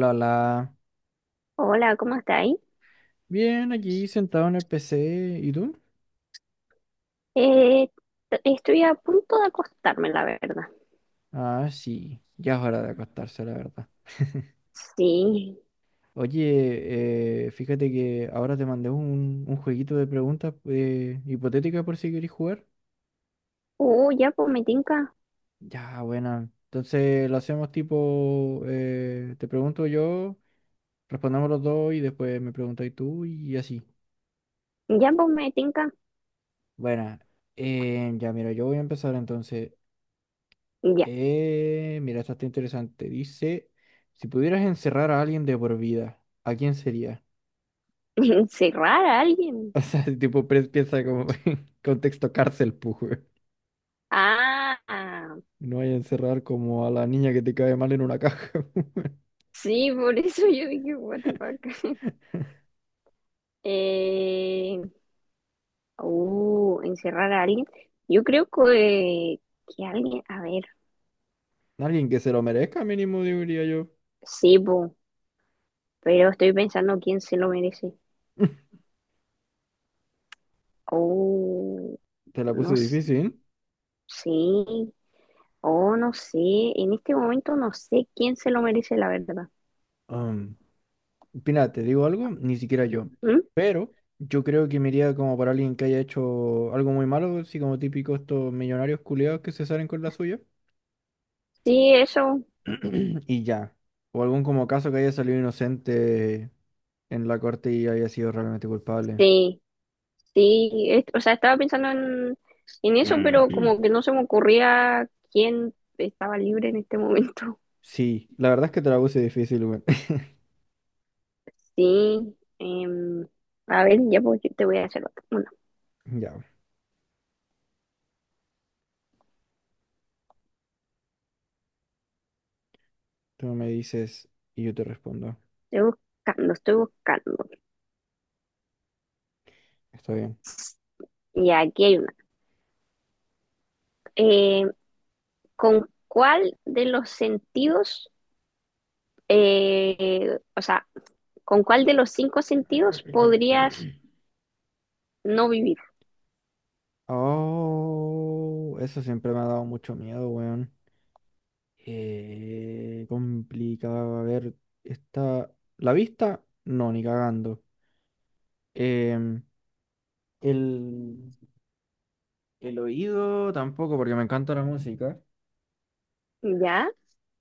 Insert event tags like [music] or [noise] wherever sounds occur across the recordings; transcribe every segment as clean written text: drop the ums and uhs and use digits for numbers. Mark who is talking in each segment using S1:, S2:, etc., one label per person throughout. S1: La la.
S2: Hola, ¿cómo estáis?
S1: Bien, aquí sentado en el PC. ¿Y tú?
S2: Eh, t- estoy a punto de acostarme, la verdad.
S1: Ah, sí. Ya es hora de acostarse, la verdad. [laughs]
S2: Sí.
S1: Oye, fíjate que ahora te mandé un jueguito de preguntas hipotéticas por si querés jugar.
S2: Ya pues me tinca.
S1: Ya, buena. Entonces lo hacemos tipo, te pregunto yo, respondemos los dos y después me preguntas tú y así.
S2: Ya pues me tinca.
S1: Buena. Ya, mira, yo voy a empezar entonces.
S2: Ya.
S1: Mira, esta está interesante. Dice, si pudieras encerrar a alguien de por vida, ¿a quién sería? [laughs]
S2: [laughs] Encerrar a alguien.
S1: O sea, si tipo, piensa como [laughs] en contexto cárcel, pues.
S2: Ah, ah.
S1: No vaya a encerrar como a la niña que te cae mal en una caja. [laughs]
S2: Sí, por eso yo dije, what the fuck. [laughs] Eh, encerrar a alguien. Yo creo que alguien, a ver,
S1: Alguien que se lo merezca, mínimo, diría yo.
S2: sí, po, pero estoy pensando quién se lo merece.
S1: [laughs]
S2: Oh,
S1: Te la
S2: no
S1: puse difícil.
S2: sé. Oh, no sé, en este momento no sé quién se lo merece, la verdad.
S1: Um, mira, te digo algo, ni siquiera yo.
S2: ¿Mm?
S1: Pero yo creo que me iría como para alguien que haya hecho algo muy malo, así como típico estos millonarios culiados que se salen con la suya.
S2: Sí, eso,
S1: [clears throat] Y ya. O algún como caso que haya salido inocente en la corte y haya sido realmente culpable.
S2: sí, sí, es- o sea, estaba pensando en eso, pero
S1: [clears throat]
S2: como que no se me ocurría quién estaba libre en este momento. [laughs]
S1: Sí, la verdad es que te la puse difícil, güey. [laughs]
S2: Sí, a ver, ya pues, yo te voy a hacer otra. Bueno,
S1: Ya, tú me dices y yo te respondo.
S2: estoy buscando, estoy buscando.
S1: Está bien.
S2: Y aquí hay una. Eh, ¿Con cuál de los sentidos, o sea, con cuál de los cinco sentidos podrías
S1: [clears throat]
S2: no vivir?
S1: Oh, eso siempre me ha dado mucho miedo, weón. Complicado. A ver, está. La vista, no, ni cagando. Em, el. El oído tampoco, porque me encanta la música.
S2: ¿Ya?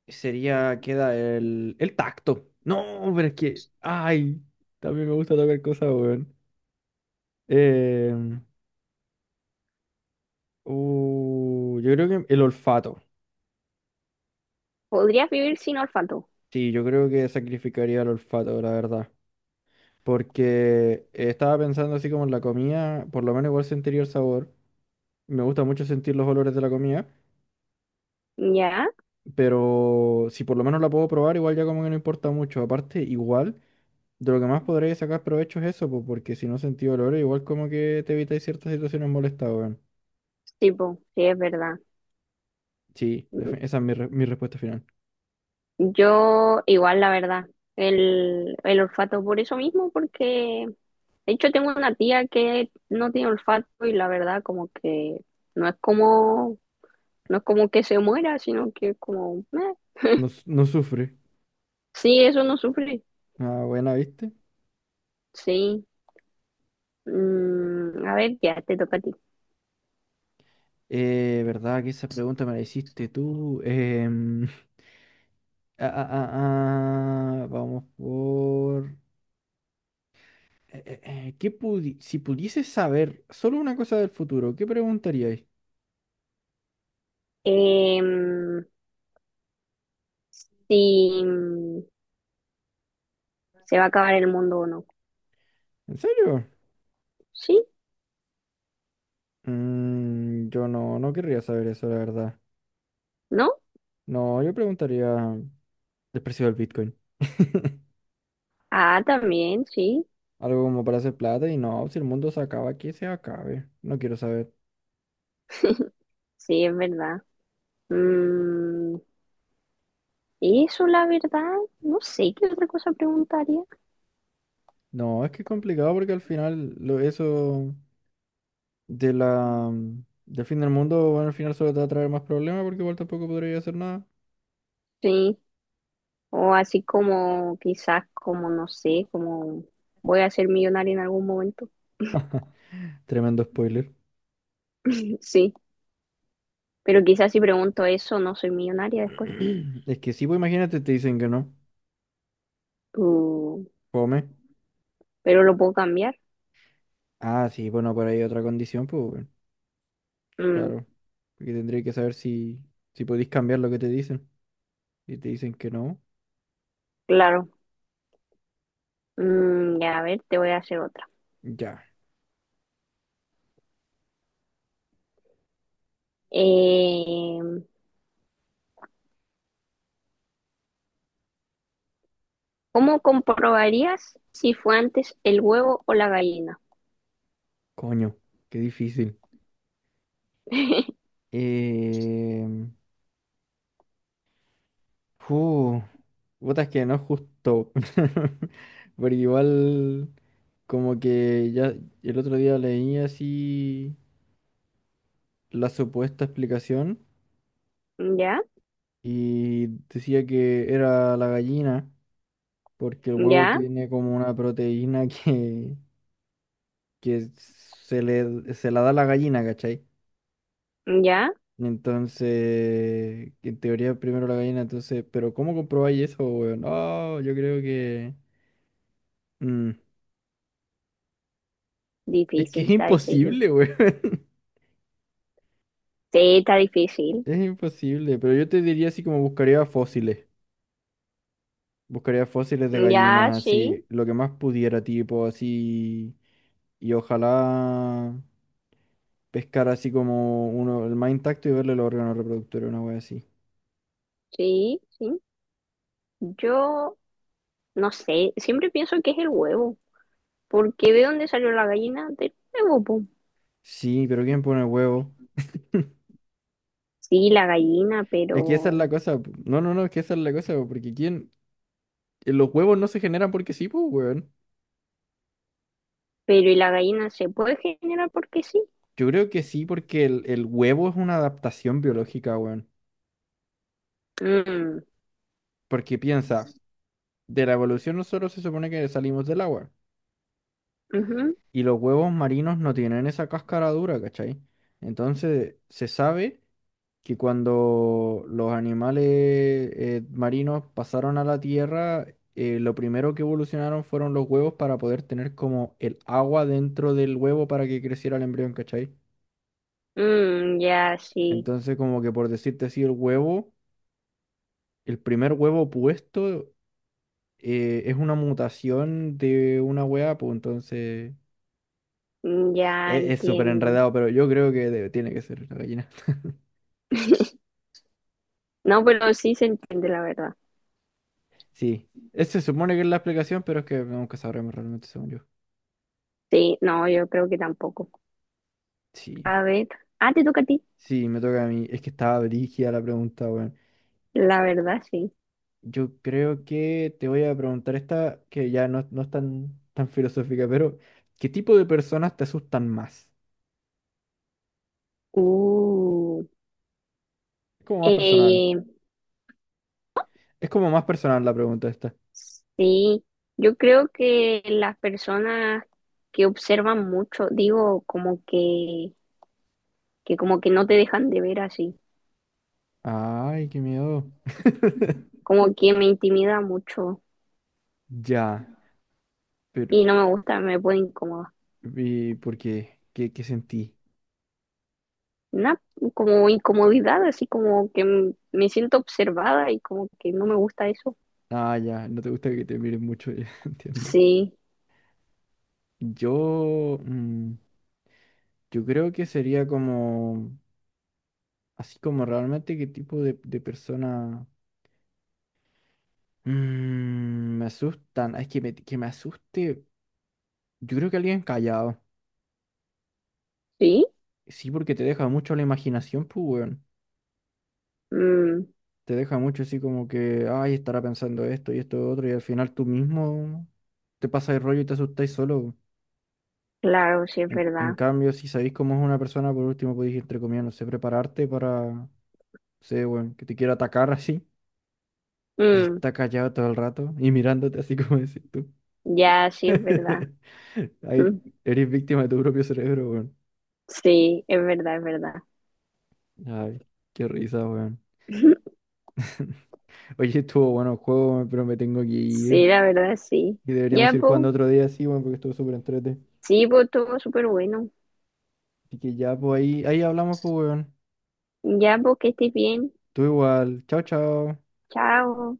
S1: Sería, queda el tacto. No, pero es que, ay, también me gusta tocar cosas, weón. Em, yo creo que el olfato.
S2: ¿Podrías vivir sin olfato?
S1: Sí, yo creo que sacrificaría el olfato, la verdad. Porque estaba pensando así como en la comida, por lo menos igual sentiría el sabor. Me gusta mucho sentir los olores de la comida,
S2: ¿Ya?
S1: pero si por lo menos la puedo probar, igual ya como que no importa mucho. Aparte, igual. De lo que más podréis sacar provecho es eso, po, porque si no sentí dolor, igual como que te evitáis ciertas situaciones molestas, weón.
S2: Sí, po, sí, es verdad.
S1: Sí, esa es mi, mi respuesta final.
S2: Yo igual, la verdad, el olfato por eso mismo, porque de hecho tengo una tía que no tiene olfato y la verdad como que no es como, no es como que se muera, sino que es como, "Meh".
S1: No, no sufre.
S2: Sí, eso no sufre,
S1: Ah, buena, ¿viste?
S2: sí. Mm, a ver, ya te toca a ti.
S1: Verdad que esa pregunta me la hiciste tú. [laughs] Vamos por... ¿qué si pudieses saber solo una cosa del futuro, ¿qué preguntaríais?
S2: Em, si se va a acabar el mundo o no.
S1: ¿En serio?
S2: Sí,
S1: Mm, yo no, no querría saber eso, la verdad.
S2: ¿no?
S1: No, yo preguntaría el precio del Bitcoin. [laughs]
S2: Ah, también, sí.
S1: Algo como para hacer plata y no, si el mundo se acaba, aquí se acabe. No quiero saber.
S2: Sí, es verdad. Mm, eso, la verdad, no sé qué otra cosa preguntaría.
S1: No, es que es complicado porque al final lo, eso de la, del fin del mundo, bueno, al final solo te va a traer más problemas porque igual tampoco podría hacer nada.
S2: Sí, o así como quizás, como no sé, como voy a ser millonaria en algún momento.
S1: Tremendo spoiler.
S2: Sí, pero quizás si pregunto eso, no soy millonaria después.
S1: [clears throat] Es que sí, pues imagínate, te dicen que no.
S2: Mm,
S1: Come.
S2: pero lo puedo cambiar.
S1: Ah, sí, bueno, por ahí otra condición, pues bueno,
S2: Mm,
S1: claro. Porque tendría que saber si, si podéis cambiar lo que te dicen. Y te dicen que no.
S2: claro. Mm, ya, a ver, te voy a hacer otra.
S1: Ya,
S2: Eh, ¿Cómo comprobarías si fue antes el huevo o la gallina?
S1: coño, qué difícil.
S2: [laughs]
S1: Eh, uh, puta, es que no es justo. [laughs] Porque igual, como que ya el otro día leí así la supuesta explicación
S2: ¿Ya?
S1: y decía que era la gallina, porque el huevo
S2: ¿Ya?
S1: tiene como una proteína [laughs] que se la da la gallina, ¿cachai?
S2: ¿Ya?
S1: Entonces, en teoría primero la gallina, entonces, pero ¿cómo comprobáis eso, weón? No, yo creo que... mm, es que
S2: Difícil,
S1: es
S2: está difícil.
S1: imposible, güey. [laughs]
S2: Sí, está difícil.
S1: Es imposible, pero yo te diría así como buscaría fósiles. Buscaría fósiles de
S2: Ya,
S1: gallinas,
S2: sí,
S1: así, lo que más pudiera, tipo, así. Y ojalá pescar así como uno, el más intacto y verle los órganos reproductores, una wea así.
S2: sí, sí. Yo no sé, siempre pienso que es el huevo, porque ¿de dónde salió la gallina? Del huevo, po.
S1: Sí, pero ¿quién pone huevo?
S2: Sí, la gallina,
S1: Es que esa es la cosa. Pu. No, no, no, es que esa es la cosa, porque ¿quién? Los huevos no se generan porque sí, pues, weón.
S2: pero ¿y la gallina se puede generar porque sí?
S1: Yo creo que sí, porque el huevo es una adaptación biológica, weón.
S2: Mm,
S1: Porque piensa. De la evolución nosotros se supone que salimos del agua.
S2: ujú,
S1: Y los huevos marinos no tienen esa cáscara dura, ¿cachai? Entonces se sabe que cuando los animales marinos pasaron a la tierra, lo primero que evolucionaron fueron los huevos para poder tener como el agua dentro del huevo para que creciera el embrión, ¿cachai?
S2: mm, ya, sí,
S1: Entonces como que por decirte así, el huevo, el primer huevo puesto es una mutación de una hueá, pues entonces...
S2: ya
S1: Es súper
S2: entiendo.
S1: enredado, pero yo creo que tiene que ser la gallina.
S2: No, pero sí se entiende la verdad.
S1: Sí. Ese se supone que es la explicación, pero es que nunca sabremos realmente, según yo.
S2: Sí, no, yo creo que tampoco.
S1: Sí.
S2: A ver, ah, te toca a ti.
S1: Sí, me toca a mí. Es que estaba brígida la pregunta, weón.
S2: La verdad, sí.
S1: Yo creo que te voy a preguntar esta, que ya no, no es tan, tan filosófica, pero ¿qué tipo de personas te asustan más?
S2: Uh.
S1: Es como más personal.
S2: Eh,
S1: Es como más personal la pregunta esta.
S2: sí, yo creo que las personas que observan mucho, digo, como que como que no te dejan de ver así,
S1: Ay, qué miedo. [laughs]
S2: como que me intimida mucho
S1: Ya, pero
S2: y no me gusta, me pone incómoda.
S1: ¿y por qué? ¿Qué, qué sentí?
S2: Una como incomodidad, así como que m- me siento observada y como que no me gusta eso.
S1: Ah, ya, no te gusta que te miren mucho, [laughs] ya entiendo.
S2: Sí,
S1: Yo, mm, yo creo que sería como, así como realmente qué tipo de persona mm, me asustan. Ah, es que me asuste, yo creo que alguien callado.
S2: sí,
S1: Sí, porque te deja mucho a la imaginación, pues, weón.
S2: mm,
S1: Te deja mucho así como que, ay, estará pensando esto y esto y otro, y al final tú mismo te pasas el rollo y te asustáis solo.
S2: claro, sí es
S1: En
S2: verdad.
S1: cambio, si sabéis cómo es una persona, por último podéis, entre comillas, no sé, prepararte para, no sé, weón, que te quiera atacar así. Pero si
S2: Mm,
S1: está callado todo el rato y mirándote así como decís tú.
S2: ya, sí es
S1: [laughs]
S2: verdad. [laughs]
S1: Ahí
S2: Mm,
S1: eres víctima de tu propio cerebro, weón.
S2: sí, es verdad, es verdad.
S1: Ay, qué risa, weón. [laughs] Oye, estuvo bueno el juego, weón, pero me tengo que
S2: Sí,
S1: ir.
S2: la verdad, sí.
S1: Y deberíamos
S2: Ya,
S1: ir jugando
S2: pues,
S1: otro día, sí, weón, porque estuvo súper entrete.
S2: sí, pues, todo súper bueno.
S1: Así que ya, pues ahí, ahí hablamos, pues, weón.
S2: Ya, pues, que estés bien.
S1: Tú igual. Chao, chao.
S2: Chao.